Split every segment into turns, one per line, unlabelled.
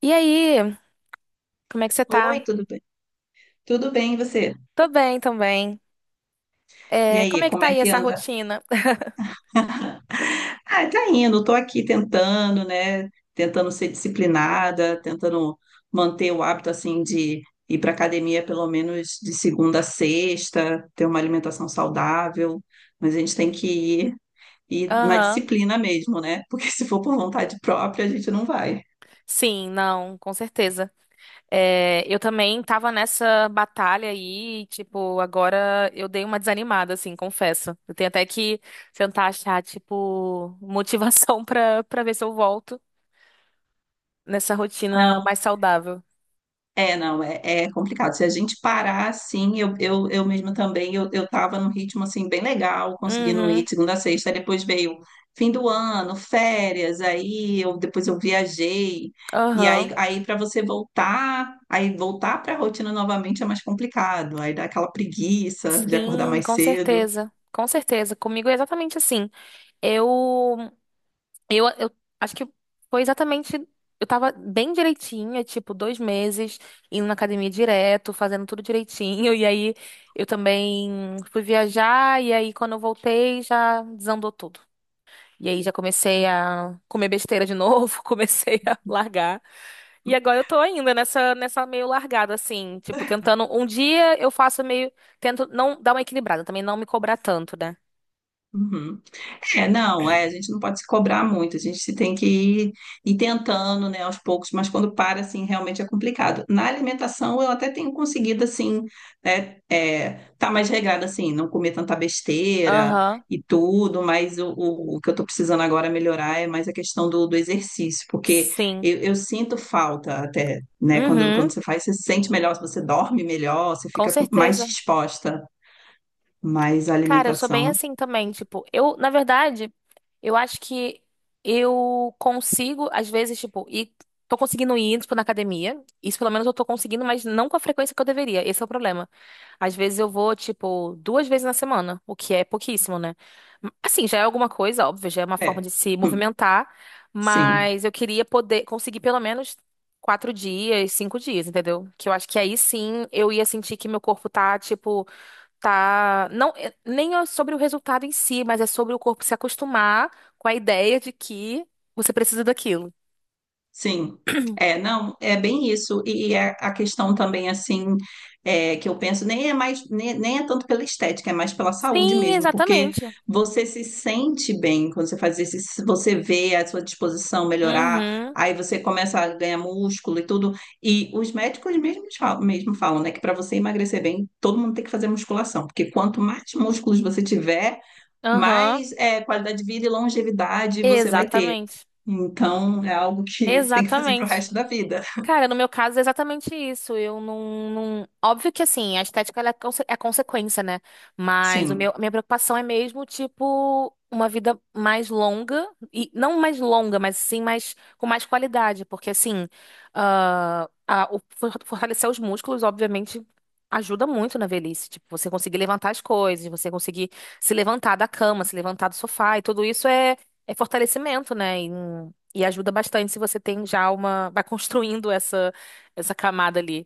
E aí, como é que você
Oi,
tá?
tudo bem? Tudo bem, e você?
Tô bem também.
E
Como
aí,
é que
como
tá
é
aí
que
essa
anda?
rotina?
Ah, tá indo, tô aqui tentando, né? Tentando ser disciplinada, tentando manter o hábito assim de ir para academia pelo menos de segunda a sexta, ter uma alimentação saudável, mas a gente tem que ir na
Aham.
disciplina mesmo, né? Porque se for por vontade própria, a gente não vai.
Sim, não, com certeza. Eu também tava nessa batalha aí, tipo, agora eu dei uma desanimada, assim, confesso. Eu tenho até que tentar achar, tipo, motivação pra ver se eu volto nessa rotina
Não.
mais saudável.
É, não, é complicado. Se a gente parar assim, eu mesmo também, eu tava num ritmo assim bem legal, conseguindo ir
Uhum,
de segunda a sexta, aí depois veio fim do ano, férias, aí eu depois eu viajei. E
aham.
aí, aí para você voltar, aí voltar para a rotina novamente é mais complicado. Aí dá aquela preguiça de acordar
Sim,
mais
com
cedo.
certeza. Com certeza. Comigo é exatamente assim. Eu eu acho que foi exatamente. Eu tava bem direitinha, tipo, dois meses, indo na academia direto, fazendo tudo direitinho. E aí eu também fui viajar, e aí quando eu voltei já desandou tudo. E aí já comecei a comer besteira de novo, comecei a largar. E agora eu tô ainda nessa meio largada, assim, tipo, tentando. Um dia eu faço meio. Tento não dar uma equilibrada, também não me cobrar tanto, né?
Uhum. É, não, é, a gente não pode se cobrar muito, a gente se tem que ir tentando, né, aos poucos, mas quando para, assim, realmente é complicado. Na alimentação, eu até tenho conseguido, assim, né, é, tá mais regrada, assim, não comer tanta besteira
Aham,
e tudo, mas o que eu tô precisando agora melhorar é mais a questão do exercício, porque
sim.
eu sinto falta até, né, quando,
Uhum,
quando você faz, você se sente melhor, você dorme melhor, você
com
fica com- mais
certeza.
disposta, mas a
Cara, eu sou bem
alimentação,
assim também, tipo, eu, na verdade, eu acho que eu consigo, às vezes, tipo, e tô conseguindo ir, tipo, na academia. Isso pelo menos eu tô conseguindo, mas não com a frequência que eu deveria. Esse é o problema. Às vezes eu vou, tipo, duas vezes na semana, o que é pouquíssimo, né? Assim, já é alguma coisa, óbvio, já é uma forma
é.
de se
Hum.
movimentar,
Sim,
mas eu queria poder conseguir pelo menos quatro dias, cinco dias, entendeu? Que eu acho que aí sim eu ia sentir que meu corpo tá, tipo tá, não, é- nem é sobre o resultado em si, mas é sobre o corpo se acostumar com a ideia de que você precisa daquilo.
sim. É, não, é bem isso. E a questão também, assim, é, que eu penso, nem é mais, nem é tanto pela estética, é mais pela saúde
Sim,
mesmo, porque
exatamente.
você se sente bem quando você faz isso, você vê a sua disposição melhorar,
Uhum,
aí você começa a ganhar músculo e tudo. E os médicos mesmo falam, né, que para você emagrecer bem, todo mundo tem que fazer musculação, porque quanto mais músculos você tiver,
aham,
mais é, qualidade de vida e longevidade você vai ter.
exatamente.
Então, é algo que tem que fazer para o
Exatamente.
resto da vida.
Cara, no meu caso é exatamente isso. Eu não, não... Óbvio que assim, a estética ela é, conse- é consequência, né? Mas o meu,
Sim.
a minha preocupação é mesmo, tipo, uma vida mais longa, e não mais longa, mas sim mais com mais qualidade. Porque assim, ah, a- o for- fortalecer os músculos, obviamente, ajuda muito na velhice. Tipo, você conseguir levantar as coisas, você conseguir se levantar da cama, se levantar do sofá, e tudo isso é, é fortalecimento, né? E ajuda bastante se você tem já uma. Vai construindo essa, essa camada ali.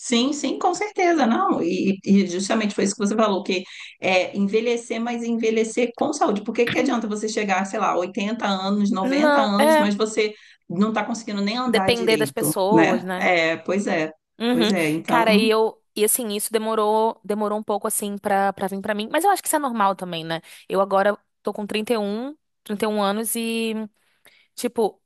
Sim, sim, com certeza, não. E justamente foi isso que você falou, que é envelhecer, mas envelhecer com saúde. Porque que adianta você chegar, sei lá, 80 anos, noventa
Não,
anos,
é.
mas você não está conseguindo nem andar
Depender das
direito,
pessoas,
né?
né?
É, pois é,
Uhum.
pois é.
Cara, e
Então,
eu. E assim, isso demorou, demorou um pouco assim pra vir pra mim. Mas eu acho que isso é normal também, né? Eu agora tô com trinta e um trinta e um anos e tipo,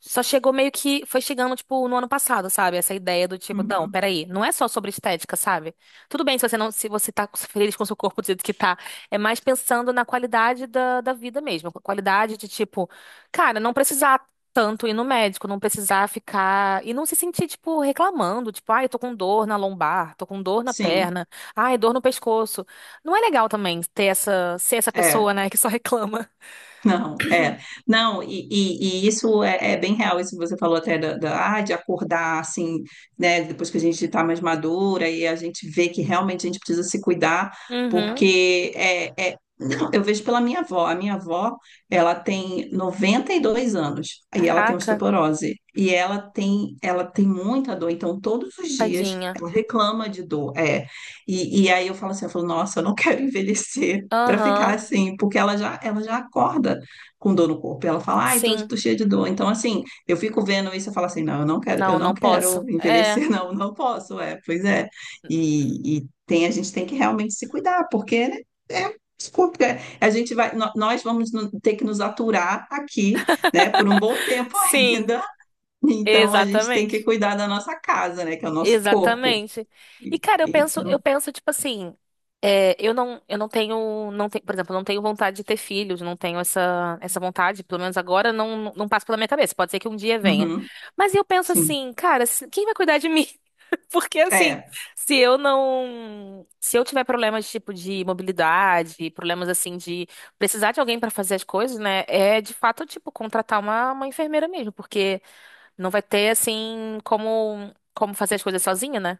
só chegou meio que. Foi chegando, tipo, no ano passado, sabe? Essa ideia do tipo, não,
uhum,
peraí, não é só sobre estética, sabe? Tudo bem se você tá feliz com o seu corpo do jeito que tá. É mais pensando na qualidade da vida mesmo. A qualidade de, tipo, cara, não precisar tanto ir no médico, não precisar ficar. E não se sentir, tipo, reclamando, tipo, ai, eu tô com dor na lombar, tô com dor na
sim,
perna, ai, dor no pescoço. Não é legal também ter essa, ser essa pessoa,
é.
né, que só reclama.
Não, é. Não, e isso é, é bem real, isso que você falou até de acordar assim, né? Depois que a gente está mais madura e a gente vê que realmente a gente precisa se cuidar,
Uhum.
porque não, eu vejo pela minha avó. A minha avó, ela tem 92 anos e ela tem
Caraca.
osteoporose. E ela tem muita dor, então todos os dias
Tadinha.
ela reclama de dor. É. E aí eu falo assim, eu falo, nossa, eu não quero envelhecer para ficar
Aham.
assim, porque ela já acorda com dor no corpo. E ela fala, ai, tô,
Sim.
tô cheia de dor. Então, assim, eu fico vendo isso e falo assim, não, eu não quero, eu
Não,
não
não
quero
posso. É.
envelhecer, não, não posso, é, pois é. E tem, a gente tem que realmente se cuidar, porque né, é, desculpa, é, a gente vai, nó- nós vamos ter que nos aturar aqui, né, por um bom tempo
Sim.
ainda. Então, a gente tem que
Exatamente.
cuidar da nossa casa, né, que é o nosso corpo.
Exatamente. E, cara,
Então,
eu penso, tipo assim, é, eu não tenho, não tenho, por exemplo, eu não tenho vontade de ter filhos, não tenho essa, essa vontade, pelo menos agora, não, não passa pela minha cabeça. Pode ser que um dia venha.
uhum,
Mas eu penso
sim,
assim, cara, se- quem vai cuidar de mim? Porque assim,
é,
se eu tiver problemas tipo de mobilidade, problemas assim de precisar de alguém pra fazer as coisas, né? É de fato tipo contratar uma enfermeira mesmo, porque não vai ter, assim, como, como fazer as coisas sozinho, né?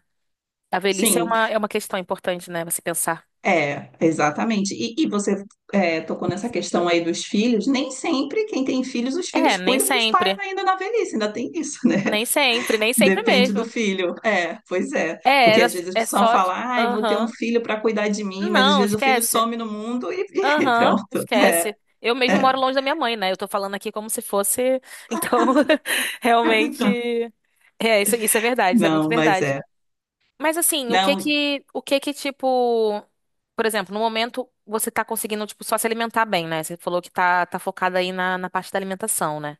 A velhice
sim.
é uma questão importante, né? Você pensar.
É, exatamente. E você tocou nessa questão aí dos filhos. Nem sempre quem tem filhos, os
É,
filhos
nem
cuidam dos pais
sempre.
ainda na velhice, ainda tem isso, né?
Nem sempre, nem sempre
Depende do
mesmo.
filho. É, pois é.
É,
Porque
era,
às vezes as
é
pessoas
só. Ti-
falam, ai, vou ter um
aham.
filho para cuidar de mim, mas às
Não,
vezes o filho
esquece.
some no mundo e, e
Aham,
pronto. É,
esquece. Eu mesmo
é.
moro longe da minha mãe, né? Eu tô falando aqui como se fosse. Então, realmente. É, isso é verdade, isso é muito
Não, mas
verdade.
é.
Mas assim,
Não,
o que que tipo, por exemplo, no momento você tá conseguindo tipo só se alimentar bem, né? Você falou que tá focada aí na, na parte da alimentação, né?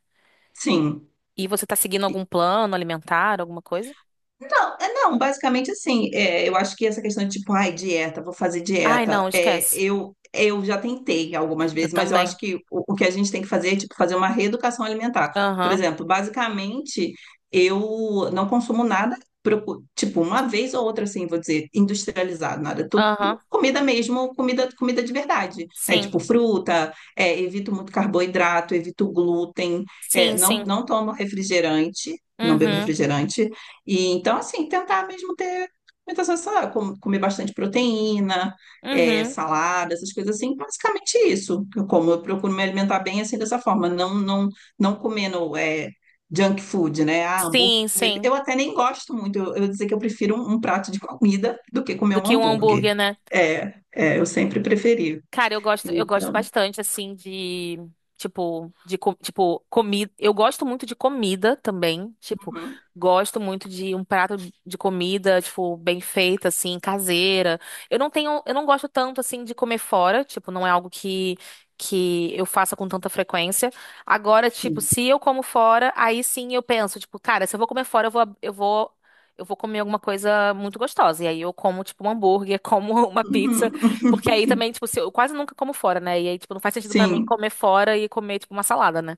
sim.
E você tá seguindo algum plano alimentar, alguma coisa?
Não, é, não, basicamente assim, é, eu acho que essa questão de tipo, ai, dieta, vou fazer
Ai,
dieta,
não,
é,
esquece.
eu já tentei algumas
Eu
vezes, mas eu
também.
acho que o que a gente tem que fazer é tipo, fazer uma reeducação alimentar. Por
Aham.
exemplo, basicamente, eu não consumo nada, tipo, uma vez ou outra, assim, vou dizer, industrializado, nada, tudo
Aham.
comida mesmo, comida, comida de verdade, né?
Sim.
Tipo, fruta, é, evito muito carboidrato, evito glúten, é,
Sim,
não,
sim.
não tomo refrigerante. Não bebo
Uhum.
refrigerante, e então, assim, tentar mesmo ter muita sensação, comer bastante proteína, é,
Uhum.
salada, essas coisas assim, basicamente isso. Eu como, eu procuro me alimentar bem assim dessa forma, não comendo é, junk food, né? Ah, hambúrguer.
Sim, sim.
Eu até nem gosto muito, eu dizer que eu prefiro um prato de comida do que comer
Do
um
que um
hambúrguer.
hambúrguer, né?
É, é, eu sempre preferi.
Cara, eu gosto
Então,
bastante, assim, de, tipo, de, co- tipo, comida. Eu gosto muito de comida também, tipo,
uhum,
gosto muito de um prato de comida, tipo, bem feita, assim, caseira. Eu não gosto tanto, assim, de comer fora, tipo, não é algo que eu faça com tanta frequência. Agora, tipo,
sim.
se eu como fora, aí sim eu penso, tipo, cara, se eu vou comer fora, eu vou comer alguma coisa muito gostosa. E aí eu como, tipo, um hambúrguer, como uma pizza.
Uhum.
Porque aí também, tipo, se eu quase nunca como fora, né? E aí, tipo, não faz sentido pra mim
Sim.
comer fora e comer, tipo, uma salada, né?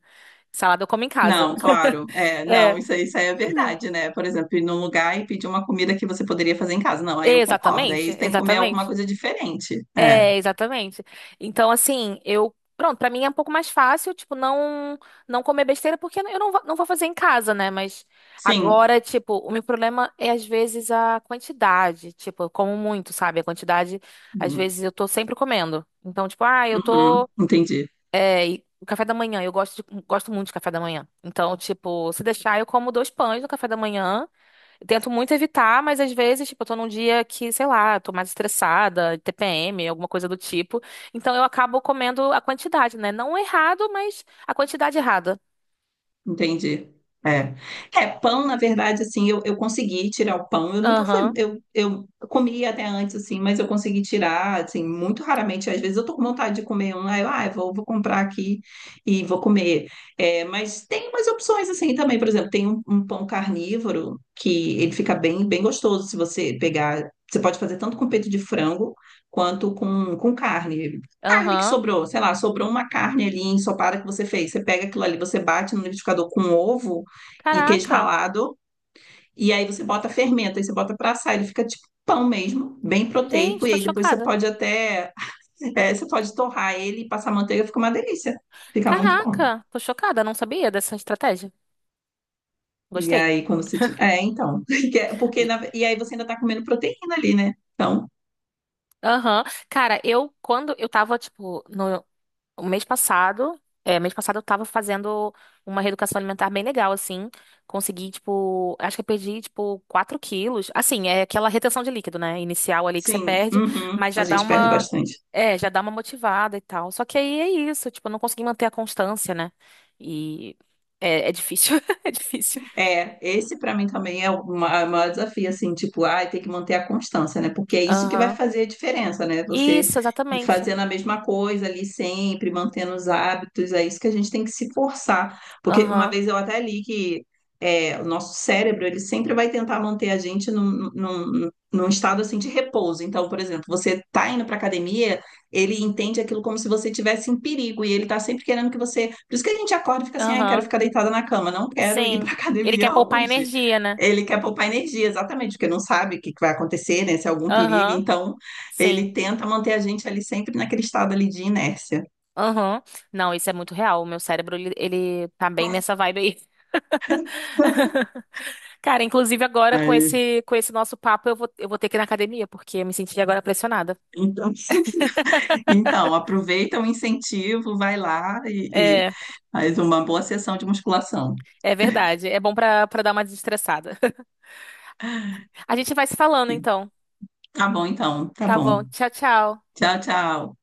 Salada eu como em casa.
Não, claro. É, não,
É.
isso aí é verdade, né? Por exemplo, ir num lugar e pedir uma comida que você poderia fazer em casa. Não, aí eu concordo. Aí
Exatamente,
você tem que comer alguma
exatamente.
coisa diferente. É,
É, exatamente. Então, assim, eu. Pronto, pra mim é um pouco mais fácil, tipo, não comer besteira, porque eu não, vou- não vou fazer em casa, né? Mas
sim.
agora, tipo, o meu problema é, às vezes, a quantidade. Tipo, eu como muito, sabe? A quantidade, às
Uhum,
vezes, eu tô sempre comendo. Então, tipo, ah, eu
uhum,
tô.
entendi.
É, e o café da manhã, eu gosto, de- gosto muito de café da manhã. Então, tipo, se deixar, eu como dois pães no café da manhã. Eu tento muito evitar, mas às vezes, tipo, eu tô num dia que, sei lá, tô mais estressada, TPM, alguma coisa do tipo. Então, eu acabo comendo a quantidade, né? Não errado, mas a quantidade errada.
Entendi. É. É, pão, na verdade, assim, eu consegui tirar o pão. Eu nunca fui,
Aham,
eu comia até antes, assim, mas eu consegui tirar, assim, muito raramente. Às vezes eu tô com vontade de comer um, aí eu, ah, eu vou comprar aqui e vou comer. É, mas tem umas opções, assim, também. Por exemplo, tem um pão carnívoro que ele fica bem, bem gostoso se você pegar. Você pode fazer tanto com peito de frango quanto com carne que
aham.
sobrou, sei lá, sobrou uma carne ali ensopada que você fez. Você pega aquilo ali, você bate no liquidificador com ovo e queijo
Caraca.
ralado, e aí você bota fermento, aí você bota pra assar, ele fica tipo pão mesmo, bem proteico,
Gente,
e
tô
aí depois você
chocada.
pode até, é, você pode torrar ele e passar manteiga, fica uma delícia. Fica muito bom.
Caraca, tô chocada. Não sabia dessa estratégia.
E
Gostei.
aí quando você tira... É, então, que é- porque na- e aí você ainda tá comendo proteína ali, né? Então,
Aham. Cara, eu, quando eu tava, tipo, no, o mês passado, é, mês passado eu tava fazendo uma reeducação alimentar bem legal, assim. Consegui, tipo, acho que eu perdi, tipo, 4 quilos. Assim, é aquela retenção de líquido, né? Inicial ali que você
sim,
perde,
uhum,
mas já
a
dá
gente perde
uma,
bastante.
é, já dá uma motivada e tal. Só que aí é isso, tipo, eu não consegui manter a constância, né? E é, é difícil, é difícil.
É, esse para mim também é o é o maior desafio, assim, tipo, ai, tem que manter a constância, né? Porque é isso que vai
Aham.
fazer a diferença, né? Você
Isso,
ir
exatamente.
fazendo a mesma coisa ali sempre, mantendo os hábitos, é isso que a gente tem que se forçar. Porque uma
Aham,
vez eu até li que é, o nosso cérebro, ele sempre vai tentar manter a gente num estado, assim, de repouso. Então, por exemplo, você tá indo para academia ele entende aquilo como se você estivesse em perigo e ele está sempre querendo que você. Por isso que a gente acorda e fica assim, ai, quero
aham,
ficar deitada na cama, não quero ir
sim.
pra
Ele quer
academia
poupar
hoje.
energia, né?
Ele quer poupar energia, exatamente, porque não sabe o que que vai acontecer, né? Se é algum perigo,
Aham,
então
sim.
ele tenta manter a gente ali sempre naquele estado ali de inércia.
Aham. Não, isso é muito real. O meu cérebro, ele tá bem nessa vibe aí. Cara, inclusive agora com
Aí,
com esse nosso papo, eu vou ter que ir na academia, porque eu me senti agora pressionada.
então, então, aproveita o incentivo, vai lá e,
É,
faz uma boa sessão de musculação.
é verdade. É bom pra, pra dar uma desestressada. A gente vai se falando então.
Tá bom, então, tá
Tá bom.
bom.
Tchau, tchau.
Tchau, tchau.